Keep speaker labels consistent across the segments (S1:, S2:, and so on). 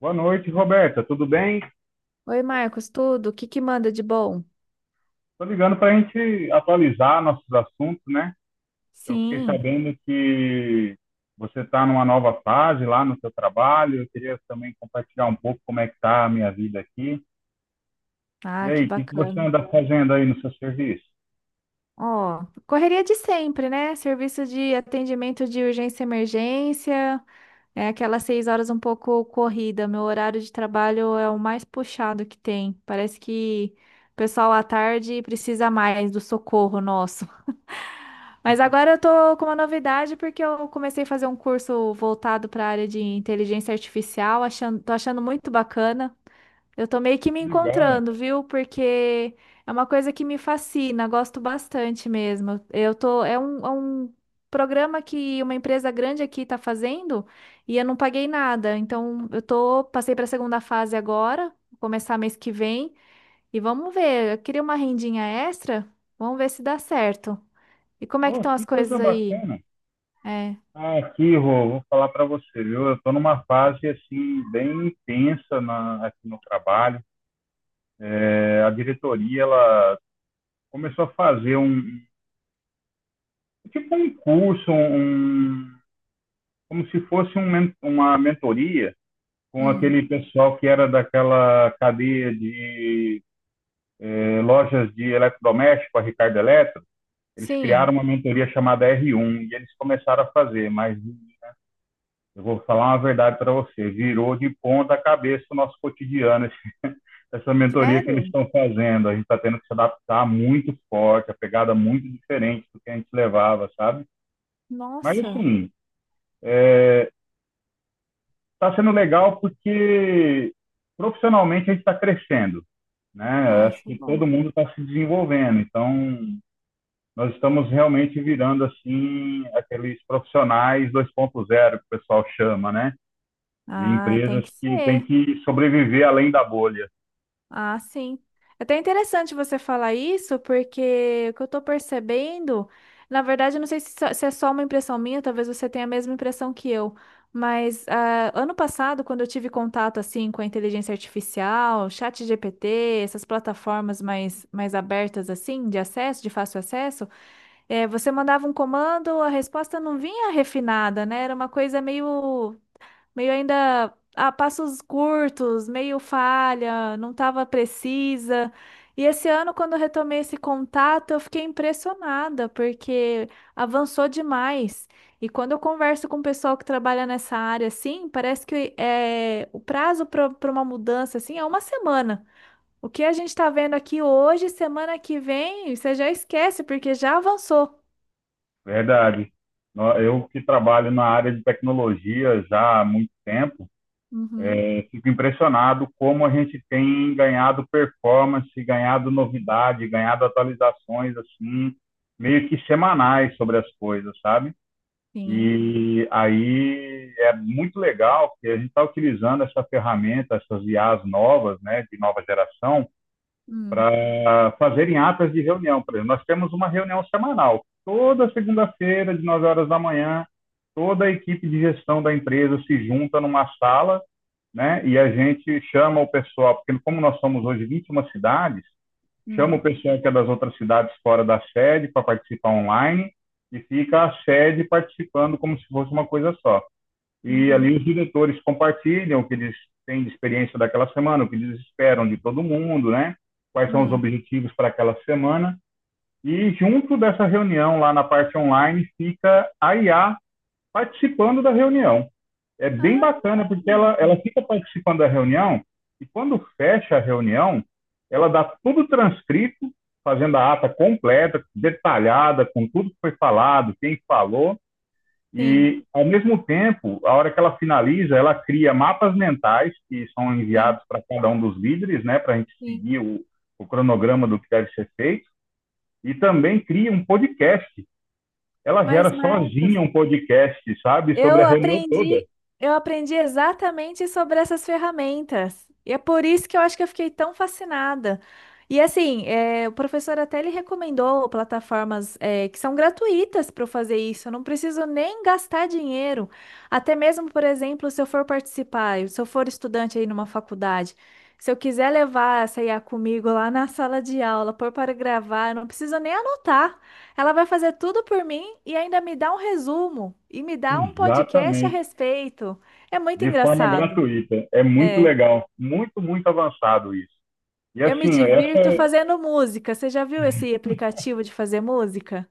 S1: Boa noite, Roberta. Tudo bem?
S2: Oi, Marcos, tudo? O que que manda de bom?
S1: Estou ligando para a gente atualizar nossos assuntos, né? Eu fiquei
S2: Sim,
S1: sabendo que você está numa nova fase lá no seu trabalho. Eu queria também compartilhar um pouco como é que está a minha vida aqui. E
S2: ah, que
S1: aí, o que que você
S2: bacana.
S1: anda fazendo aí no seu serviço?
S2: Ó, correria de sempre, né? Serviço de atendimento de urgência e emergência, é aquelas 6 horas um pouco corrida. Meu horário de trabalho é o mais puxado que tem. Parece que o pessoal à tarde precisa mais do socorro nosso. Mas agora eu tô com uma novidade porque eu comecei a fazer um curso voltado para a área de inteligência artificial, tô achando muito bacana. Eu tô meio que me
S1: Legal.
S2: encontrando, viu? Porque é uma coisa que me fascina, gosto bastante mesmo. É um programa que uma empresa grande aqui tá fazendo e eu não paguei nada. Então, passei para a segunda fase agora, vou começar mês que vem e vamos ver. Eu queria uma rendinha extra, vamos ver se dá certo. E como é que
S1: Pô,
S2: estão
S1: que
S2: as
S1: coisa
S2: coisas aí?
S1: bacana.
S2: É,
S1: Ah, aqui, Rô, vou falar para você, viu? Eu estou numa fase, assim, bem intensa aqui no trabalho. É, a diretoria, ela começou a fazer tipo um curso, como se fosse uma mentoria com
S2: hum,
S1: aquele pessoal que era daquela cadeia de lojas de eletrodoméstico, a Ricardo Eletro. Eles
S2: sim.
S1: criaram uma mentoria chamada R1 e eles começaram a fazer, mas eu vou falar uma verdade para você, virou de ponta cabeça o nosso cotidiano, essa mentoria que eles
S2: Sério?
S1: estão fazendo. A gente está tendo que se adaptar muito forte, a pegada muito diferente do que a gente levava, sabe? Mas
S2: Nossa.
S1: assim, é, está sendo legal porque profissionalmente a gente está crescendo, né?
S2: Ah,
S1: Acho
S2: isso é
S1: que
S2: bom.
S1: todo mundo está se desenvolvendo, então nós estamos realmente virando assim aqueles profissionais 2.0 que o pessoal chama, né? De
S2: Ah, tem
S1: empresas
S2: que
S1: que tem
S2: ser.
S1: que sobreviver além da bolha,
S2: Ah, sim. É até interessante você falar isso, porque o que eu tô percebendo, na verdade, eu não sei se é só uma impressão minha, talvez você tenha a mesma impressão que eu, mas ah, ano passado, quando eu tive contato assim com a inteligência artificial, chat GPT, essas plataformas mais abertas assim, de acesso, de fácil acesso, eh, você mandava um comando, a resposta não vinha refinada, né? Era uma coisa meio ainda a passos curtos, meio falha, não estava precisa. E esse ano, quando eu retomei esse contato, eu fiquei impressionada, porque avançou demais. E quando eu converso com o pessoal que trabalha nessa área, assim, parece que é, o prazo para uma mudança, assim, é uma semana. O que a gente está vendo aqui hoje, semana que vem, você já esquece, porque já avançou.
S1: verdade. Eu que trabalho na área de tecnologia já há muito tempo,
S2: Uhum,
S1: fico impressionado como a gente tem ganhado performance, ganhado novidade, ganhado atualizações assim, meio que semanais sobre as coisas, sabe?
S2: sim.
S1: E aí é muito legal que a gente está utilizando essa ferramenta, essas IAs novas, né, de nova geração,
S2: Hum,
S1: para fazerem atas de reunião. Por exemplo, nós temos uma reunião semanal, toda segunda-feira, de 9 horas da manhã, toda a equipe de gestão da empresa se junta numa sala, né? E a gente chama o pessoal, porque como nós somos hoje 21 cidades, chama o
S2: hum,
S1: pessoal que é das outras cidades fora da sede para participar online e fica a sede participando como se fosse uma coisa só. E ali
S2: uhum,
S1: os diretores compartilham o que eles têm de experiência daquela semana, o que eles esperam de todo mundo, né? Quais são os
S2: hum.
S1: objetivos para aquela semana. E junto dessa reunião lá na parte online fica a IA participando da reunião. É bem bacana, porque ela
S2: Ah,
S1: fica participando da reunião e quando fecha a reunião, ela dá tudo transcrito, fazendo a ata completa, detalhada, com tudo que foi falado, quem falou,
S2: sim,
S1: e, ao mesmo tempo, a hora que ela finaliza, ela cria mapas mentais que são
S2: sim,
S1: enviados para cada um dos líderes, né, para a gente
S2: sim.
S1: seguir o cronograma do que deve ser feito, e também cria um podcast, ela
S2: Mas,
S1: gera
S2: Marcos,
S1: sozinha um podcast, sabe? Sobre
S2: eu
S1: a reunião toda.
S2: aprendi, eu aprendi exatamente sobre essas ferramentas. E é por isso que eu acho que eu fiquei tão fascinada. E assim, é, o professor até ele recomendou plataformas é, que são gratuitas para eu fazer isso. Eu não preciso nem gastar dinheiro. Até mesmo, por exemplo, se eu for participar, se eu for estudante aí numa faculdade, se eu quiser levar essa IA comigo lá na sala de aula, pôr para gravar, eu não preciso nem anotar. Ela vai fazer tudo por mim e ainda me dá um resumo e me dá um podcast a
S1: Exatamente.
S2: respeito. É muito
S1: De forma
S2: engraçado.
S1: gratuita. É muito
S2: É,
S1: legal. Muito, muito avançado isso. E
S2: eu me
S1: assim,
S2: divirto
S1: essa
S2: fazendo música. Você já viu esse aplicativo de fazer música?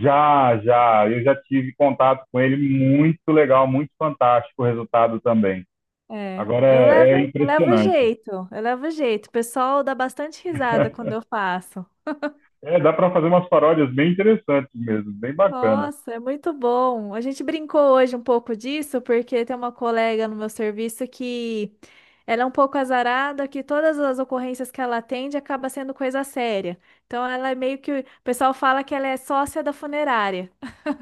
S1: já, já, eu já tive contato com ele, muito legal, muito fantástico o resultado também.
S2: É,
S1: Agora é
S2: eu levo
S1: impressionante.
S2: jeito, eu levo jeito. O pessoal dá bastante risada quando eu faço.
S1: É, dá para fazer umas paródias bem interessantes mesmo, bem bacana.
S2: Nossa, é muito bom. A gente brincou hoje um pouco disso, porque tem uma colega no meu serviço que ela é um pouco azarada, que todas as ocorrências que ela atende acaba sendo coisa séria. Então ela é meio que, o pessoal fala que ela é sócia da funerária,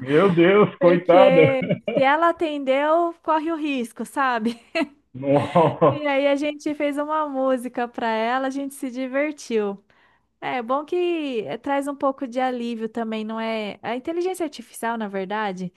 S1: Meu Deus, coitada!
S2: porque se ela atendeu, corre o risco, sabe?
S1: Nossa.
S2: E aí a gente fez uma música para ela, a gente se divertiu. É bom que eh, traz um pouco de alívio também, não é? A inteligência artificial, na verdade.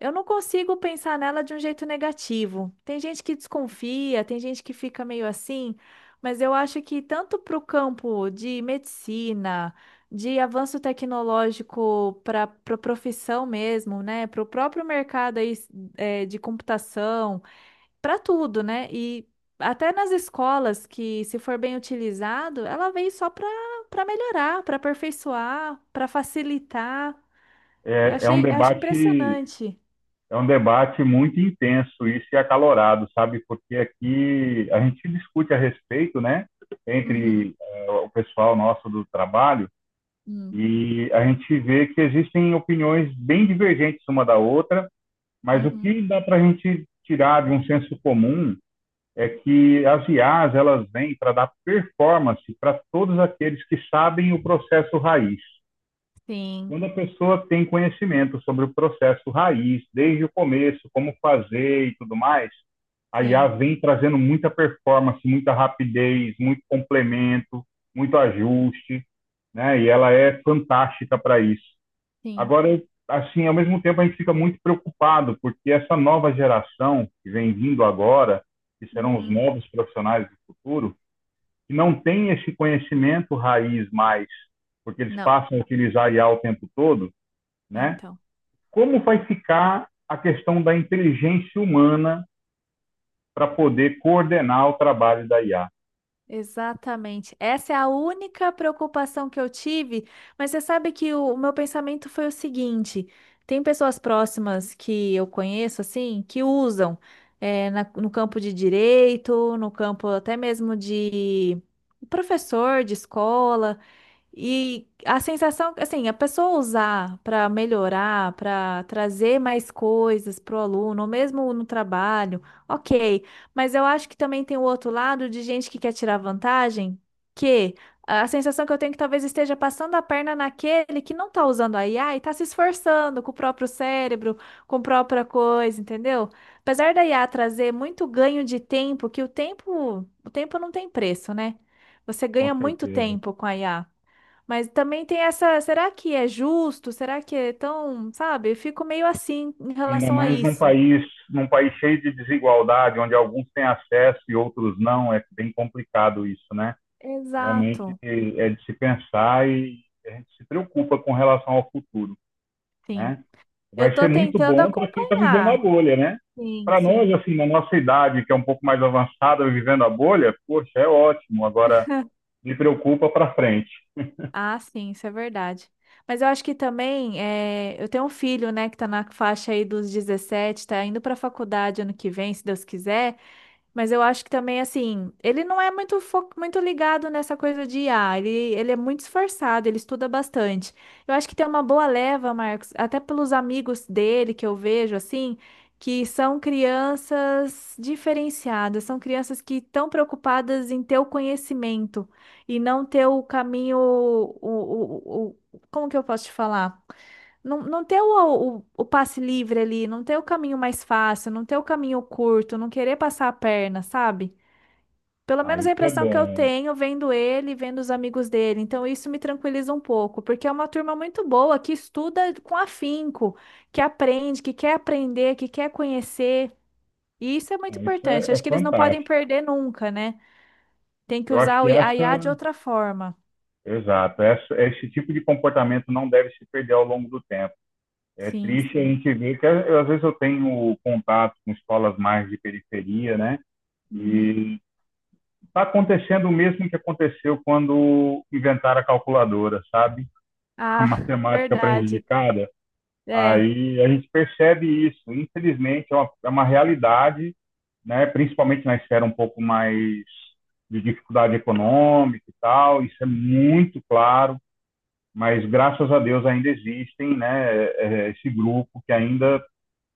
S2: Eu não consigo pensar nela de um jeito negativo. Tem gente que desconfia, tem gente que fica meio assim, mas eu acho que tanto para o campo de medicina, de avanço tecnológico para a profissão mesmo, né? Para o próprio mercado aí, eh, de computação, para tudo, né? E até nas escolas que, se for bem utilizado, ela veio só para melhorar, para aperfeiçoar, para facilitar. Eu
S1: É, é um
S2: achei, eu acho
S1: debate
S2: impressionante.
S1: é um debate muito intenso isso e acalorado, sabe? Porque aqui a gente discute a respeito, né? Entre
S2: Uhum.
S1: o pessoal nosso do trabalho
S2: Hum,
S1: e a gente vê que existem opiniões bem divergentes uma da outra, mas o
S2: uhum.
S1: que dá para a gente tirar de um senso comum é que as IAs, elas vêm para dar performance para todos aqueles que sabem o processo raiz.
S2: Sim,
S1: Quando a pessoa tem conhecimento sobre o processo raiz, desde o começo, como fazer e tudo mais, a IA
S2: sim,
S1: vem trazendo muita performance, muita rapidez, muito complemento, muito ajuste, né? E ela é fantástica para isso.
S2: sim.
S1: Agora, assim, ao mesmo tempo a gente fica muito preocupado, porque essa nova geração que vem vindo agora, que serão os
S2: Uhum.
S1: novos profissionais do futuro, que não tem esse conhecimento raiz mais, porque eles
S2: Não,
S1: passam a utilizar IA o tempo todo, né?
S2: então.
S1: Como vai ficar a questão da inteligência humana para poder coordenar o trabalho da IA?
S2: Exatamente. Essa é a única preocupação que eu tive, mas você sabe que o meu pensamento foi o seguinte: tem pessoas próximas que eu conheço, assim, que usam eh, no campo de direito, no campo até mesmo de professor de escola. E a sensação, assim, a pessoa usar para melhorar, para trazer mais coisas para o aluno, ou mesmo no trabalho, ok. Mas eu acho que também tem o outro lado de gente que quer tirar vantagem, que a sensação que eu tenho é que talvez esteja passando a perna naquele que não está usando a IA e está se esforçando com o próprio cérebro, com a própria coisa, entendeu? Apesar da IA trazer muito ganho de tempo, que o tempo não tem preço, né? Você
S1: Com
S2: ganha muito
S1: certeza.
S2: tempo com a IA. Mas também tem essa, será que é justo? Será que é tão, sabe? Eu fico meio assim em
S1: Ainda
S2: relação a
S1: mais
S2: isso.
S1: num país cheio de desigualdade, onde alguns têm acesso e outros não, é bem complicado isso, né? Realmente
S2: Exato.
S1: é de se pensar e a gente se preocupa com relação ao futuro,
S2: Sim.
S1: né?
S2: Eu
S1: Vai ser
S2: tô
S1: muito
S2: tentando
S1: bom para quem está vivendo a
S2: acompanhar.
S1: bolha, né?
S2: Sim,
S1: Para nós,
S2: sim.
S1: assim, na nossa idade, que é um pouco mais avançada, vivendo a bolha, poxa, é ótimo. Agora, me preocupa para frente.
S2: Ah, sim, isso é verdade. Mas eu acho que também, é, eu tenho um filho, né, que tá na faixa aí dos 17 tá indo pra faculdade ano que vem, se Deus quiser. Mas eu acho que também, assim, ele não é muito, muito ligado nessa coisa de IA. Ele é muito esforçado, ele estuda bastante. Eu acho que tem uma boa leva, Marcos, até pelos amigos dele que eu vejo, assim, que são crianças diferenciadas, são crianças que estão preocupadas em ter o conhecimento e não ter o caminho, como que eu posso te falar? Não, não ter o passe livre ali, não ter o caminho mais fácil, não ter o caminho curto, não querer passar a perna, sabe? Pelo
S1: Ah,
S2: menos
S1: isso
S2: a
S1: é
S2: impressão que eu
S1: bom.
S2: tenho vendo ele, e vendo os amigos dele. Então isso me tranquiliza um pouco, porque é uma turma muito boa que estuda com afinco, que aprende, que quer aprender, que quer conhecer. E isso é muito
S1: Ah, isso
S2: importante.
S1: é, é
S2: Acho que eles não podem
S1: fantástico.
S2: perder nunca, né? Tem que
S1: Eu acho
S2: usar
S1: que
S2: o a IA de
S1: essa,
S2: outra forma.
S1: exato, essa, esse tipo de comportamento não deve se perder ao longo do tempo. É
S2: Sim,
S1: triste a
S2: sim.
S1: gente ver que às vezes eu tenho contato com escolas mais de periferia, né?
S2: Uhum.
S1: E está acontecendo o mesmo que aconteceu quando inventaram a calculadora, sabe? A
S2: Ah,
S1: matemática
S2: verdade.
S1: prejudicada.
S2: É,
S1: Aí a gente percebe isso, infelizmente é uma realidade, né? Principalmente na esfera um pouco mais de dificuldade econômica e tal, isso é muito claro, mas graças a Deus ainda existem, né? Esse grupo que ainda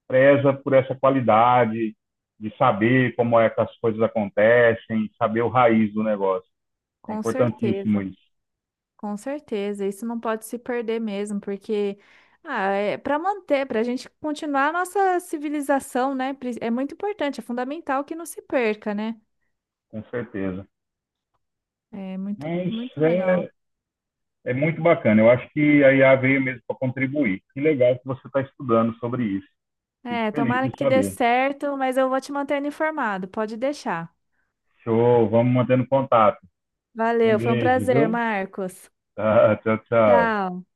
S1: preza por essa qualidade de saber como é que as coisas acontecem, saber o raiz do negócio. É
S2: com
S1: importantíssimo
S2: certeza.
S1: isso,
S2: Com certeza, isso não pode se perder mesmo, porque ah, é para manter, para a gente continuar a nossa civilização, né? É muito importante, é fundamental que não se perca, né?
S1: com certeza.
S2: É muito,
S1: Mas
S2: muito legal.
S1: é muito bacana. Eu acho que a IA veio mesmo para contribuir. Que legal que você está estudando sobre isso. Fico
S2: É,
S1: feliz
S2: tomara
S1: de
S2: que dê
S1: saber.
S2: certo, mas eu vou te mantendo informado, pode deixar.
S1: Show, vamos mantendo contato. Um
S2: Valeu, foi um
S1: beijo,
S2: prazer,
S1: viu?
S2: Marcos.
S1: Tá, tchau, tchau.
S2: Tchau.